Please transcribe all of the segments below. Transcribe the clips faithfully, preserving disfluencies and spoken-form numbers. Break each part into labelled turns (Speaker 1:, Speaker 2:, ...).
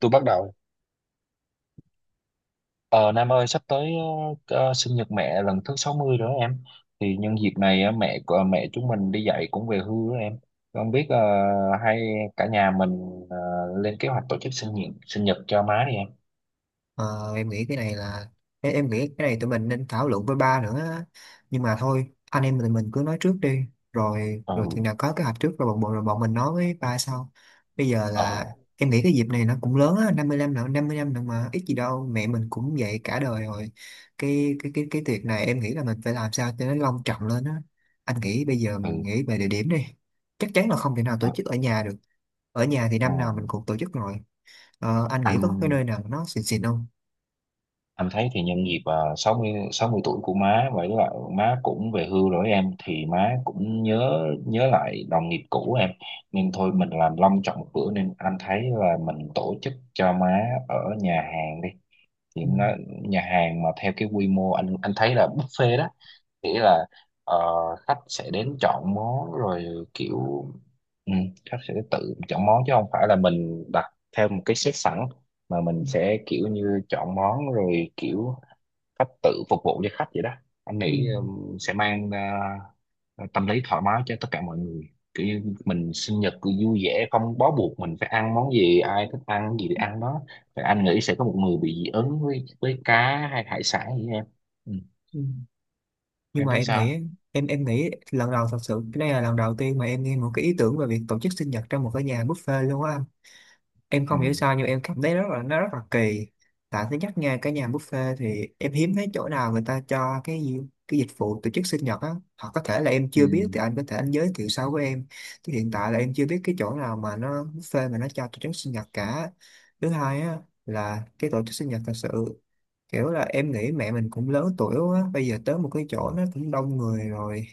Speaker 1: Tôi bắt đầu. ờ Nam ơi, sắp tới ờ, ờ, sinh nhật mẹ lần thứ sáu mươi rồi đó em. Thì nhân dịp này ờ, mẹ của mẹ chúng mình đi dạy cũng về hưu đó em. Không biết ờ, hay cả nhà mình ờ, lên kế hoạch tổ chức sinh nhật sinh nhật cho má đi em?
Speaker 2: Ờ, em nghĩ cái này là em, em nghĩ cái này tụi mình nên thảo luận với ba nữa á. Nhưng mà thôi anh em tụi mình cứ nói trước đi, rồi rồi
Speaker 1: Ừ.
Speaker 2: chừng nào có kế hoạch trước rồi bọn bọn rồi bọn mình nói với ba sau. Bây giờ
Speaker 1: Ờ.
Speaker 2: là em nghĩ cái dịp này nó cũng lớn á, năm mươi năm nữa năm mươi năm nữa mà ít gì đâu, mẹ mình cũng vậy cả đời rồi. Cái cái cái cái tiệc này em nghĩ là mình phải làm sao cho nó long trọng lên á. Anh nghĩ bây giờ mình
Speaker 1: Ừ,
Speaker 2: nghĩ về địa điểm đi. Chắc chắn là không thể nào tổ
Speaker 1: ờ,
Speaker 2: chức ở nhà được. Ở nhà thì
Speaker 1: ừ.
Speaker 2: năm nào mình cũng tổ chức rồi. Ờ, anh nghĩ
Speaker 1: Ăn.
Speaker 2: có cái nơi nào nó xịn xịn không?
Speaker 1: Anh thấy thì nhân dịp uh, sáu mươi sáu mươi tuổi của má, vậy là má cũng về hưu rồi em, thì má cũng nhớ nhớ lại đồng nghiệp cũ em. Nên thôi mình làm long trọng một bữa, nên anh thấy là mình tổ chức cho má ở nhà hàng đi. Thì
Speaker 2: Ừ,
Speaker 1: em nói nhà hàng mà theo cái quy mô, anh anh thấy là buffet đó. Nghĩa là ờ, khách sẽ đến chọn món rồi kiểu, ừ, khách sẽ tự chọn món chứ không phải là mình đặt theo một cái set sẵn, mà
Speaker 2: ừ,
Speaker 1: mình sẽ kiểu như chọn món rồi kiểu cách tự phục vụ cho khách vậy đó. Anh
Speaker 2: ừ,
Speaker 1: nghĩ um, sẽ mang ờ, tâm lý thoải mái cho tất cả mọi người, kiểu như mình sinh nhật cứ vui vẻ, không bó buộc mình phải ăn món gì, ai thích ăn gì thì ăn đó. Và anh nghĩ sẽ có một người bị dị ứng với với cá hay hải sản gì em. Ừ.
Speaker 2: ừ. Nhưng
Speaker 1: Em
Speaker 2: mà
Speaker 1: thấy
Speaker 2: em
Speaker 1: sao?
Speaker 2: nghĩ, em em nghĩ lần đầu, thật sự cái đây là lần đầu tiên mà em nghe một cái ý tưởng về việc tổ chức sinh nhật trong một cái nhà buffet luôn á. Em
Speaker 1: Ừ.
Speaker 2: không hiểu sao nhưng em cảm thấy rất là, nó rất là kỳ. Tại thứ nhất nha, cái nhà buffet thì em hiếm thấy chỗ nào người ta cho cái gì- cái dịch vụ tổ chức sinh nhật á, hoặc có thể là em
Speaker 1: Ừ.
Speaker 2: chưa biết thì anh có thể anh giới thiệu sau với em, chứ hiện tại là em chưa biết cái chỗ nào mà nó buffet mà nó cho tổ chức sinh nhật cả. Thứ hai á, là cái tổ chức sinh nhật thật sự, kiểu là em nghĩ mẹ mình cũng lớn tuổi quá, bây giờ tới một cái chỗ nó cũng đông người rồi,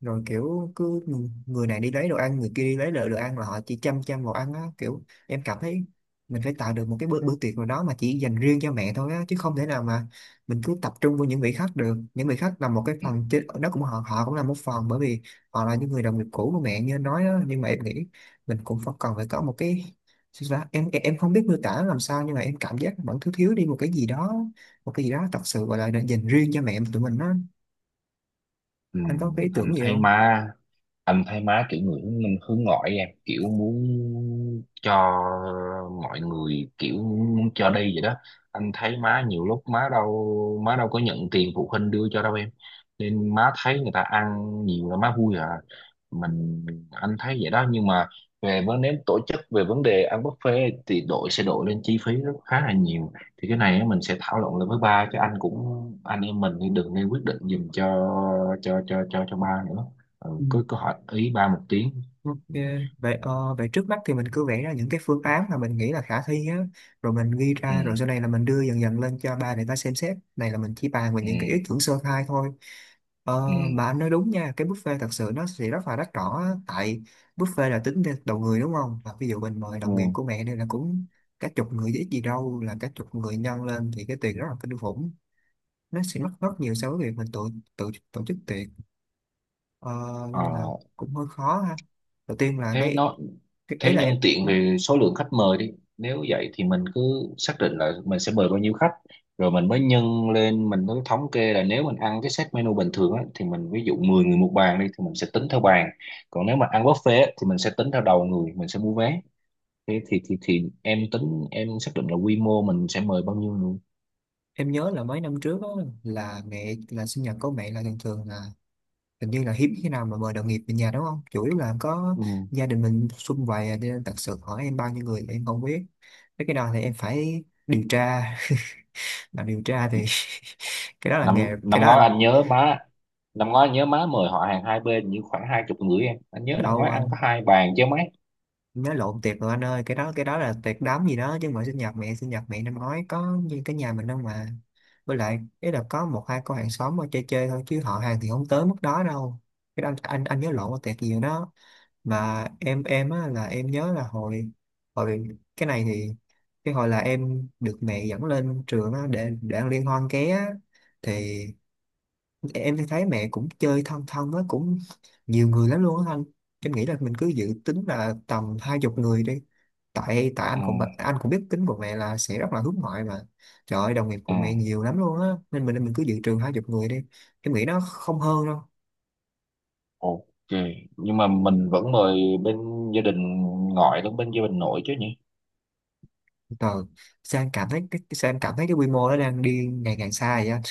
Speaker 2: rồi kiểu cứ người này đi lấy đồ ăn, người kia đi lấy đồ, đồ ăn, là họ chỉ chăm chăm vào ăn á, kiểu em cảm thấy mình phải tạo được một cái bữa bữa tiệc nào đó mà chỉ dành riêng cho mẹ thôi á, chứ không thể nào mà mình cứ tập trung vào những vị khách được. Những vị khách là một cái phần chứ, đó cũng, họ họ cũng là một phần, bởi vì họ là những người đồng nghiệp cũ của mẹ như anh nói đó, nhưng mà em nghĩ mình cũng phải cần phải có một cái, sao ta? em em không biết miêu tả làm sao, nhưng mà em cảm giác vẫn thiếu, thiếu đi một cái gì đó, một cái gì đó thật sự gọi là dành riêng cho mẹ tụi mình á.
Speaker 1: Ừ,
Speaker 2: Anh có cái ý tưởng
Speaker 1: anh
Speaker 2: gì
Speaker 1: thấy
Speaker 2: không?
Speaker 1: má anh thấy má kiểu người hướng minh hướng ngoại em, kiểu muốn cho mọi người, kiểu muốn cho đi vậy đó. Anh thấy má nhiều lúc má đâu má đâu có nhận tiền phụ huynh đưa cho đâu em. Nên má thấy người ta ăn nhiều là má vui à. Mình, anh thấy vậy đó nhưng mà về vấn nếu tổ chức về vấn đề ăn buffet thì đội sẽ đội lên chi phí rất khá là nhiều. Thì cái này á, mình sẽ thảo luận lại với ba chứ, anh cũng anh em mình thì đừng nên quyết định giùm cho cho cho cho cho ba nữa. Ừ,
Speaker 2: Ừ.
Speaker 1: cứ cứ hỏi ý ba một tiếng.
Speaker 2: Ok, vậy ờ, vậy trước mắt thì mình cứ vẽ ra những cái phương án mà mình nghĩ là khả thi á, rồi mình ghi
Speaker 1: Ừ.
Speaker 2: ra, rồi sau này là mình đưa dần dần lên cho ba để ba xem xét. Này là mình chỉ bàn về những cái ý
Speaker 1: Ừ,
Speaker 2: tưởng sơ khai thôi.
Speaker 1: ừ,
Speaker 2: Ờ,
Speaker 1: ừ.
Speaker 2: mà anh nói đúng nha, cái buffet thật sự nó sẽ rất là đắt đỏ á, tại buffet là tính theo đầu người đúng không? Và ví dụ mình mời đồng nghiệp
Speaker 1: Ừ.
Speaker 2: của mẹ đây là cũng cả chục người chứ ít gì đâu, là cả chục người nhân lên thì cái tiền rất là kinh khủng. Nó sẽ mất rất nhiều so với việc mình tự tự tổ chức tiệc. Ờ,
Speaker 1: Ờ,
Speaker 2: nên là cũng hơi khó ha, đầu tiên là
Speaker 1: thế
Speaker 2: cái,
Speaker 1: nó
Speaker 2: thì ý
Speaker 1: thế
Speaker 2: là
Speaker 1: nhân
Speaker 2: em,
Speaker 1: tiện
Speaker 2: ừ,
Speaker 1: về số lượng khách mời đi. Nếu vậy thì mình cứ xác định là mình sẽ mời bao nhiêu khách, rồi mình mới nhân lên, mình mới thống kê là nếu mình ăn cái set menu bình thường á, thì mình ví dụ mười người một bàn đi thì mình sẽ tính theo bàn. Còn nếu mà ăn buffet á, thì mình sẽ tính theo đầu người, mình sẽ mua vé. Thế thì thì thì em tính, em xác định là quy mô mình sẽ mời bao nhiêu người.
Speaker 2: em nhớ là mấy năm trước á, là mẹ là sinh nhật của mẹ là thường thường là, hình như là hiếm khi nào mà mời đồng nghiệp về nhà đúng không, chủ yếu là có
Speaker 1: Ừ.
Speaker 2: gia đình mình sum vầy à, nên thật sự hỏi em bao nhiêu người thì em không biết. Thế cái đó thì em phải điều tra mà điều tra thì cái đó là
Speaker 1: năm
Speaker 2: nghề cái
Speaker 1: năm
Speaker 2: đó anh.
Speaker 1: ngoái anh nhớ má Năm ngoái anh nhớ má mời họ hàng hai bên như khoảng hai chục người em, anh nhớ năm
Speaker 2: Đâu,
Speaker 1: ngoái ăn có hai bàn chứ mấy.
Speaker 2: nói lộn tiệc rồi anh ơi, cái đó, cái đó là tiệc đám gì đó chứ, mà sinh nhật mẹ, sinh nhật mẹ năm ngoái có như cái nhà mình đâu mà, với lại ý là có một hai cô hàng xóm ở chơi chơi thôi, chứ họ hàng thì không tới mức đó đâu. Cái đó anh anh, anh nhớ lộn là tiệc gì rồi đó. Mà em em á là em nhớ là hồi hồi, cái này thì, cái hồi là em được mẹ dẫn lên trường á để để ăn liên hoan ké á, thì em thì thấy mẹ cũng chơi thân thân á, cũng nhiều người lắm luôn á anh. Em nghĩ là mình cứ dự tính là tầm hai chục người đi. Tại Tại anh
Speaker 1: Ừ.
Speaker 2: cũng bật- anh cũng biết tính của mẹ là sẽ rất là hướng ngoại mà, trời ơi đồng nghiệp của
Speaker 1: Ừ.
Speaker 2: mẹ nhiều lắm luôn á, nên mình mình cứ dự trừ hai chục người đi. Em nghĩ nó không hơn đâu.
Speaker 1: Ok, nhưng mà mình vẫn mời bên gia đình ngoại lẫn bên gia đình nội chứ nhỉ?
Speaker 2: Trời, sao em cảm thấy cái cái- sao em cảm thấy cái quy mô nó đang đi ngày càng xa vậy anh.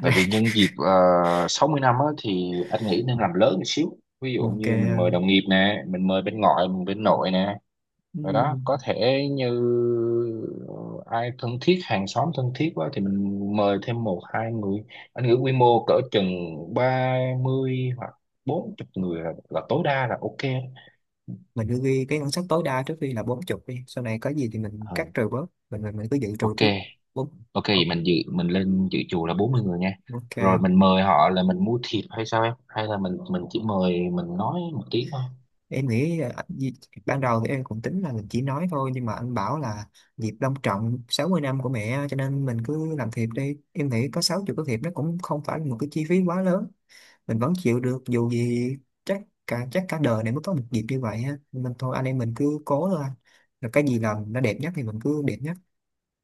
Speaker 1: Tại vì nhân dịp uh, sáu mươi năm á, thì anh nghĩ nên làm lớn một xíu, ví dụ
Speaker 2: Ok
Speaker 1: như mình mời
Speaker 2: anh.
Speaker 1: đồng nghiệp nè, mình mời bên ngoại mình bên nội nè, rồi đó có
Speaker 2: Ừm,
Speaker 1: thể như ờ, ai thân thiết, hàng xóm thân thiết quá thì mình mời thêm một hai người. Anh nghĩ quy mô cỡ chừng ba mươi hoặc bốn mươi người là, là tối đa là ok.
Speaker 2: mình cứ ghi cái ngân sách tối đa trước khi là bốn chục đi, sau này có gì thì mình
Speaker 1: Ờ,
Speaker 2: cắt trừ bớt, mình mình, mình cứ dự trừ
Speaker 1: ok,
Speaker 2: trước bốn.
Speaker 1: ok, vậy mình dự mình lên dự chùa là bốn mươi người nha. Rồi
Speaker 2: Ok,
Speaker 1: mình mời họ là mình mua thiệp hay sao em, hay là mình mình chỉ mời, mình nói một tiếng thôi?
Speaker 2: em nghĩ ờ, dịp- ban đầu thì em cũng tính là mình chỉ nói thôi, nhưng mà anh bảo là dịp long trọng sáu mươi năm của mẹ, cho nên mình cứ làm thiệp đi. Em nghĩ có sáu mươi cái thiệp nó cũng không phải là một cái chi phí quá lớn, mình vẫn chịu được, dù gì chắc cả chắc cả đời này mới có một dịp như vậy ha, nên thôi anh em mình cứ cố thôi anh. Rồi cái gì làm nó đẹp nhất thì mình cứ đẹp nhất.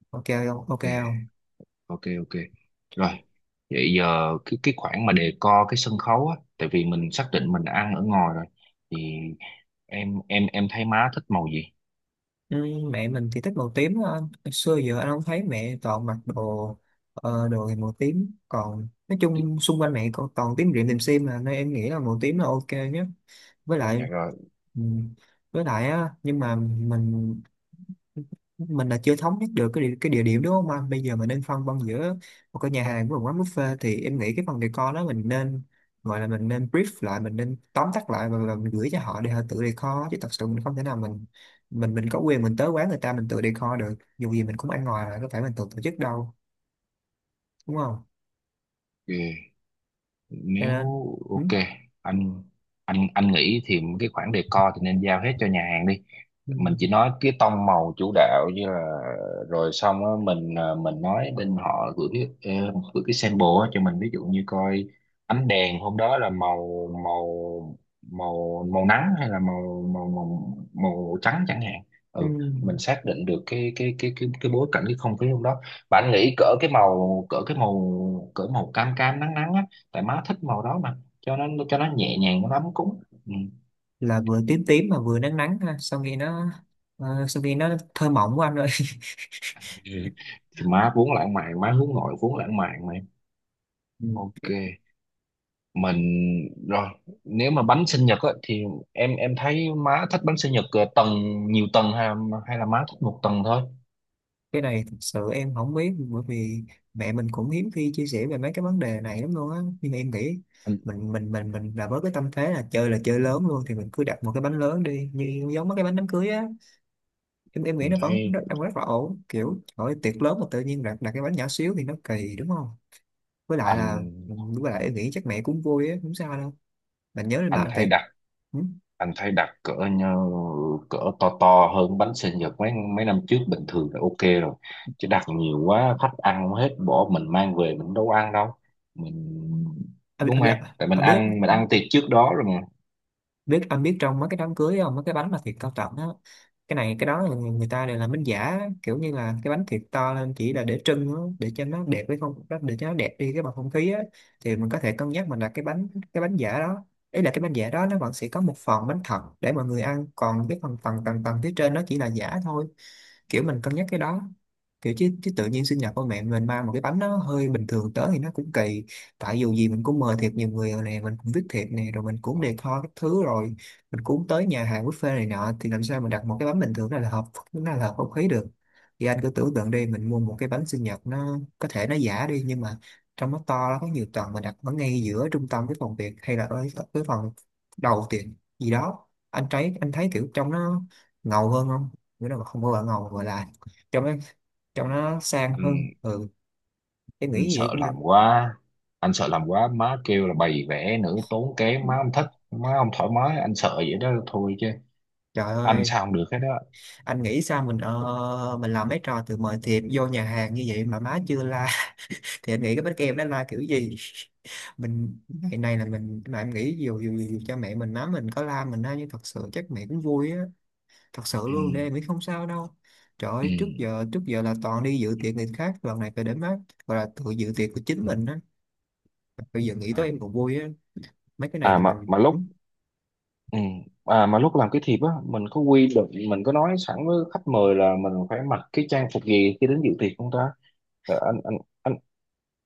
Speaker 2: Ok không, ok
Speaker 1: Ok.
Speaker 2: không?
Speaker 1: Ok, ok. Rồi vậy giờ cái cái khoản mà đề co cái sân khấu á, tại vì mình xác định mình ăn ở ngoài rồi, thì em em em thấy má thích màu gì?
Speaker 2: Ừ, mẹ mình thì thích màu tím á anh. Hồi xưa giờ anh không thấy mẹ toàn mặc đồ, ờ, đồ thì màu tím, còn nói chung xung quanh mẹ còn toàn tím rịm tìm sim mà, nên em nghĩ là màu tím là ok nhất. Với lại,
Speaker 1: Dạ rồi.
Speaker 2: ừ, với lại á, nhưng mà mình mình là chưa thống nhất được cái địa, cái địa điểm đúng không anh? Bây giờ mình nên phân vân giữa một cái nhà hàng với một quán buffet, thì em nghĩ cái phần decor đó mình nên, gọi là mình nên brief lại, mình nên tóm tắt lại và, và mình gửi cho họ để họ tự decor, chứ thật sự mình không thể nào mình mình mình có quyền mình tới quán người ta mình tự decor được, dù gì mình cũng ăn ngoài là có phải mình tự tổ chức đâu đúng không?
Speaker 1: Ừ,
Speaker 2: Cho
Speaker 1: nếu
Speaker 2: nên ừ,
Speaker 1: ok anh, anh anh nghĩ thì cái khoản decor thì nên giao hết cho nhà hàng đi.
Speaker 2: ừ,
Speaker 1: Mình chỉ nói cái tông màu chủ đạo, như là rồi xong á, mình à, mình nói bên họ gửi, ờ, gửi cái sample á cho mình, ví dụ như coi ánh đèn hôm đó là màu màu màu màu nắng hay là màu màu màu, màu trắng chẳng hạn.
Speaker 2: ừ,
Speaker 1: Ừ. Mình xác định được cái cái cái cái cái bối cảnh, cái không khí hôm đó. Bạn nghĩ cỡ cái màu cỡ cái màu cỡ màu cam cam nắng nắng á, tại má thích màu đó mà, cho nó cho nó nhẹ nhàng, nó ấm cúng. Ừ.
Speaker 2: là vừa tím tím mà vừa nắng nắng ha, sao nghe nó, ờ, sao nghe nó thơ mộng của anh ơi.
Speaker 1: Ừ. Thì má vốn lãng mạn, má hướng nội vốn lãng mạn mà em.
Speaker 2: Ừ.
Speaker 1: Ok. Mình, rồi nếu mà bánh sinh nhật á, thì em em thấy má thích bánh sinh nhật ờ, tầng nhiều tầng, hay, hay là má thích một tầng thôi?
Speaker 2: Cái này thật sự em không biết, bởi vì mẹ mình cũng hiếm khi chia sẻ về mấy cái vấn đề này lắm luôn á, nhưng mà em nghĩ
Speaker 1: anh,
Speaker 2: mình mình mình mình là với cái tâm thế là chơi là chơi lớn luôn, thì mình cứ đặt một cái bánh lớn đi, như giống mấy cái bánh đám cưới á. em em nghĩ
Speaker 1: anh
Speaker 2: nó vẫn
Speaker 1: thấy
Speaker 2: rất, đang rất là ổn, kiểu hỏi ơi, tiệc lớn mà tự nhiên đặt đặt cái bánh nhỏ xíu thì nó kỳ đúng không? Với lại là,
Speaker 1: anh
Speaker 2: với lại em nghĩ chắc mẹ cũng vui á, không sao đâu. Bạn nhớ lên
Speaker 1: anh
Speaker 2: mạng
Speaker 1: thấy
Speaker 2: về.
Speaker 1: đặt
Speaker 2: Ừ?
Speaker 1: anh thấy đặt cỡ như, cỡ to to hơn bánh sinh nhật mấy mấy năm trước bình thường là ok rồi. Chứ đặt nhiều quá khách ăn hết, bỏ mình mang về mình đâu ăn đâu. mình Đúng
Speaker 2: anh,
Speaker 1: không
Speaker 2: anh,
Speaker 1: em, tại mình
Speaker 2: anh biết
Speaker 1: ăn mình ăn tiệc trước đó rồi mà.
Speaker 2: biết anh biết trong mấy cái đám cưới không, mấy cái bánh mà thiệt cao trọng á, cái này cái đó là người người ta đều làm bánh giả, kiểu như là cái bánh thiệt to lên chỉ là để trưng á, để cho nó đẹp với không đó, để cho nó đẹp đi cái bầu không khí á. Thì mình có thể cân nhắc mình đặt cái bánh cái bánh giả đó. Ý là cái bánh giả đó nó vẫn sẽ có một phần bánh thật để mọi người ăn, còn cái phần phần tầng tầng phía trên nó chỉ là giả thôi. Kiểu mình cân nhắc cái đó, kiểu chứ chứ tự nhiên sinh nhật của mẹ mình mang một cái bánh nó hơi bình thường tới thì nó cũng kỳ. Tại dù gì mình cũng mời thiệt nhiều người rồi nè, mình cũng viết thiệp nè, rồi mình cũng
Speaker 1: Ờ.
Speaker 2: decor các thứ rồi, mình cũng tới nhà hàng buffet này nọ, thì làm sao mình đặt một cái bánh bình thường đó là hợp, nó là hợp không khí được. Thì anh cứ tưởng tượng đi, mình mua một cái bánh sinh nhật, nó có thể nó giả đi nhưng mà trong nó to, nó có nhiều tầng, mình đặt ở ngay giữa trung tâm cái phòng tiệc hay là ở cái phòng đầu tiệc gì đó, anh thấy anh thấy kiểu trong nó ngầu hơn không? Nghĩa là không có gọi là ngầu, gọi là trong nó trong nó sang hơn.
Speaker 1: anh
Speaker 2: Ừ, em nghĩ
Speaker 1: anh
Speaker 2: gì
Speaker 1: sợ
Speaker 2: cũng được.
Speaker 1: làm quá anh sợ làm quá má kêu là bày vẽ nữa, tốn kém má không thích, má không thoải mái, anh sợ vậy đó thôi chứ
Speaker 2: Trời
Speaker 1: anh
Speaker 2: ơi,
Speaker 1: sao không được hết đó.
Speaker 2: anh nghĩ sao mình ờ, mình làm mấy trò từ mời thiệp vô nhà hàng như vậy mà má chưa la thì anh nghĩ cái bánh kem nó la kiểu gì? Mình ngày này là mình, mà em nghĩ dù dù dù cha mẹ mình má mình có la mình á, nhưng thật sự chắc mẹ cũng vui á, thật sự
Speaker 1: Ừ,
Speaker 2: luôn. Để em nghĩ không sao đâu. Trời
Speaker 1: ừ.
Speaker 2: ơi, trước giờ trước giờ là toàn đi dự tiệc người khác, lần này phải để má gọi là tự dự tiệc của chính mình á. Bây giờ nghĩ
Speaker 1: À.
Speaker 2: tới em còn vui á. Mấy cái này
Speaker 1: à
Speaker 2: là
Speaker 1: mà
Speaker 2: mình
Speaker 1: mà
Speaker 2: ừ,
Speaker 1: lúc Ừ. À mà lúc làm cái thiệp á, mình có quy định, mình có nói sẵn với khách mời là mình phải mặc cái trang phục gì khi đến dự tiệc không ta? Tại anh anh anh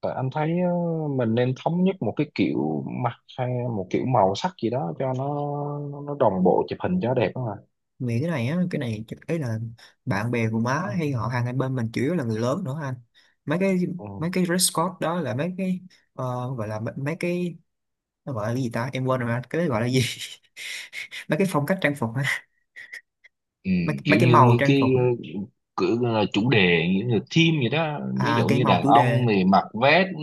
Speaker 1: tại anh thấy ờ, mình nên thống nhất một cái kiểu mặt, hay một kiểu màu sắc gì đó cho nó nó, nó đồng bộ chụp hình cho đẹp đó mà.
Speaker 2: nghĩ cái này á, cái này chắc- ấy là bạn bè của má hay họ hàng hai bên mình chủ yếu là người lớn nữa anh. mấy cái
Speaker 1: Ừ.
Speaker 2: mấy cái dress code đó là mấy cái ờ, gọi là mấy, mấy cái, nó gọi là cái gì ta, em quên rồi anh, cái đấy gọi là gì? Mấy cái phong cách trang phục á,
Speaker 1: Ừ,
Speaker 2: mấy, mấy
Speaker 1: kiểu
Speaker 2: cái
Speaker 1: như,
Speaker 2: màu
Speaker 1: như
Speaker 2: trang
Speaker 1: cái
Speaker 2: phục á.
Speaker 1: ờ, cử, ờ, chủ đề, như là theme vậy đó, ví
Speaker 2: À,
Speaker 1: dụ
Speaker 2: cái
Speaker 1: như
Speaker 2: màu
Speaker 1: đàn
Speaker 2: chủ
Speaker 1: ông
Speaker 2: đề.
Speaker 1: thì mặc vest, ừ,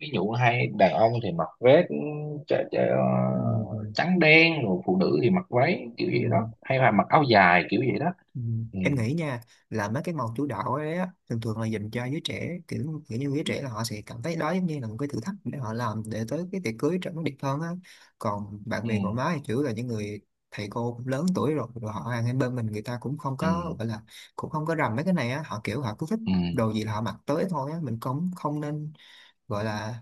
Speaker 1: ví dụ hay đàn ông thì mặc vest, ừ, chả- chả, ờ,
Speaker 2: Ừ, ừ.
Speaker 1: trắng đen, rồi phụ nữ thì mặc váy kiểu
Speaker 2: Ừ.
Speaker 1: vậy đó, hay là mặc áo dài kiểu vậy đó.
Speaker 2: Ừ.
Speaker 1: Ừ,
Speaker 2: Em nghĩ nha, là mấy cái màu chủ đạo ấy á, thường thường là dành cho giới trẻ, kiểu, kiểu như giới trẻ là họ sẽ cảm thấy đó giống như là một cái thử thách để họ làm để tới cái tiệc cưới trở nó đẹp hơn á. Còn bạn
Speaker 1: ừ,
Speaker 2: bè của má thì chủ yếu là những người thầy cô cũng lớn tuổi rồi, rồi họ hàng hai bên mình người ta cũng không
Speaker 1: ừ,
Speaker 2: có gọi là cũng không có rành mấy cái này á, họ kiểu họ cứ thích
Speaker 1: ừ.
Speaker 2: đồ gì là họ mặc tới thôi á, mình cũng không nên gọi là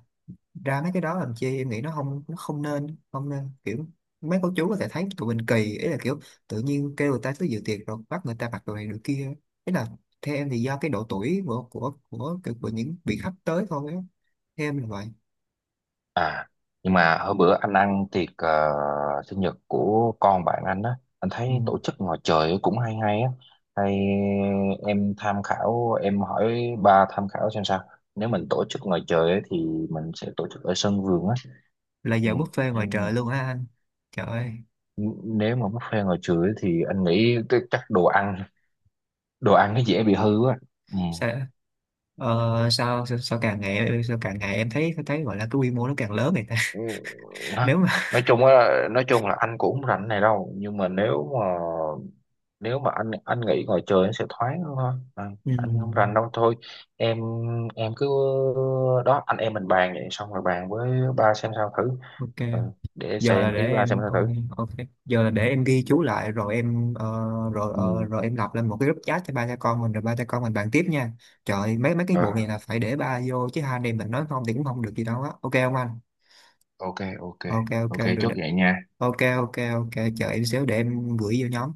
Speaker 2: ra mấy cái đó làm chi. Em nghĩ nó không, nó không nên, không nên kiểu mấy cô chú có thể thấy tụi mình kỳ, ý là kiểu tự nhiên kêu người ta tới dự tiệc rồi bắt người ta mặc đồ này đồ kia. Ý là theo em thì do cái độ tuổi của của của, của, của những vị khách tới thôi á, theo em là vậy.
Speaker 1: À, nhưng mà hôm bữa anh ăn tiệc ờ, sinh nhật của con bạn anh á, anh thấy
Speaker 2: Ừ.
Speaker 1: tổ chức ngoài trời cũng hay hay á. Hay em tham khảo, em hỏi ba tham khảo xem sao. Nếu mình tổ chức ngoài trời ấy, thì mình sẽ tổ chức ở sân vườn á.
Speaker 2: Là
Speaker 1: Ừ,
Speaker 2: giờ buffet ngoài
Speaker 1: em
Speaker 2: trời luôn á anh? Trời ơi,
Speaker 1: n- nếu mà buffet ngoài trời ấy, thì anh nghĩ t- chắc đồ ăn, đồ ăn, nó dễ bị hư á. Ừ.
Speaker 2: sao ờ, sao, sao sao càng ngày sao càng ngày em thấy thấy gọi là cái quy mô nó càng lớn vậy ta?
Speaker 1: Ừ, Nói,
Speaker 2: Nếu mà
Speaker 1: nói chung á, nói chung là anh cũng không rảnh này đâu, nhưng mà nếu mà nếu mà anh anh nghĩ ngoài trời nó sẽ thoáng hơn thôi à,
Speaker 2: ừ,
Speaker 1: anh không rành đâu thôi em em cứ đó anh em mình bàn vậy xong rồi bàn với ba xem sao thử.
Speaker 2: ok.
Speaker 1: Ừ, để
Speaker 2: Giờ là
Speaker 1: xem
Speaker 2: để
Speaker 1: ý ba xem
Speaker 2: em
Speaker 1: sao
Speaker 2: ok,
Speaker 1: thử.
Speaker 2: ok, giờ là để em ghi chú lại rồi em ờ, rồi ờ,
Speaker 1: Ừ.
Speaker 2: rồi em lập lên một cái group chat cho ba cha con mình, rồi ba cha con mình bàn tiếp nha. Trời ơi, mấy mấy cái vụ này
Speaker 1: Ờ,
Speaker 2: là phải để ba vô chứ, hai anh em mình nói không thì cũng không được gì đâu á, ok không anh?
Speaker 1: ok, ok,
Speaker 2: Ok ok
Speaker 1: ok,
Speaker 2: rồi,
Speaker 1: chốt
Speaker 2: được.
Speaker 1: vậy nha.
Speaker 2: Ok ok ok, chờ em xíu để em gửi vô nhóm.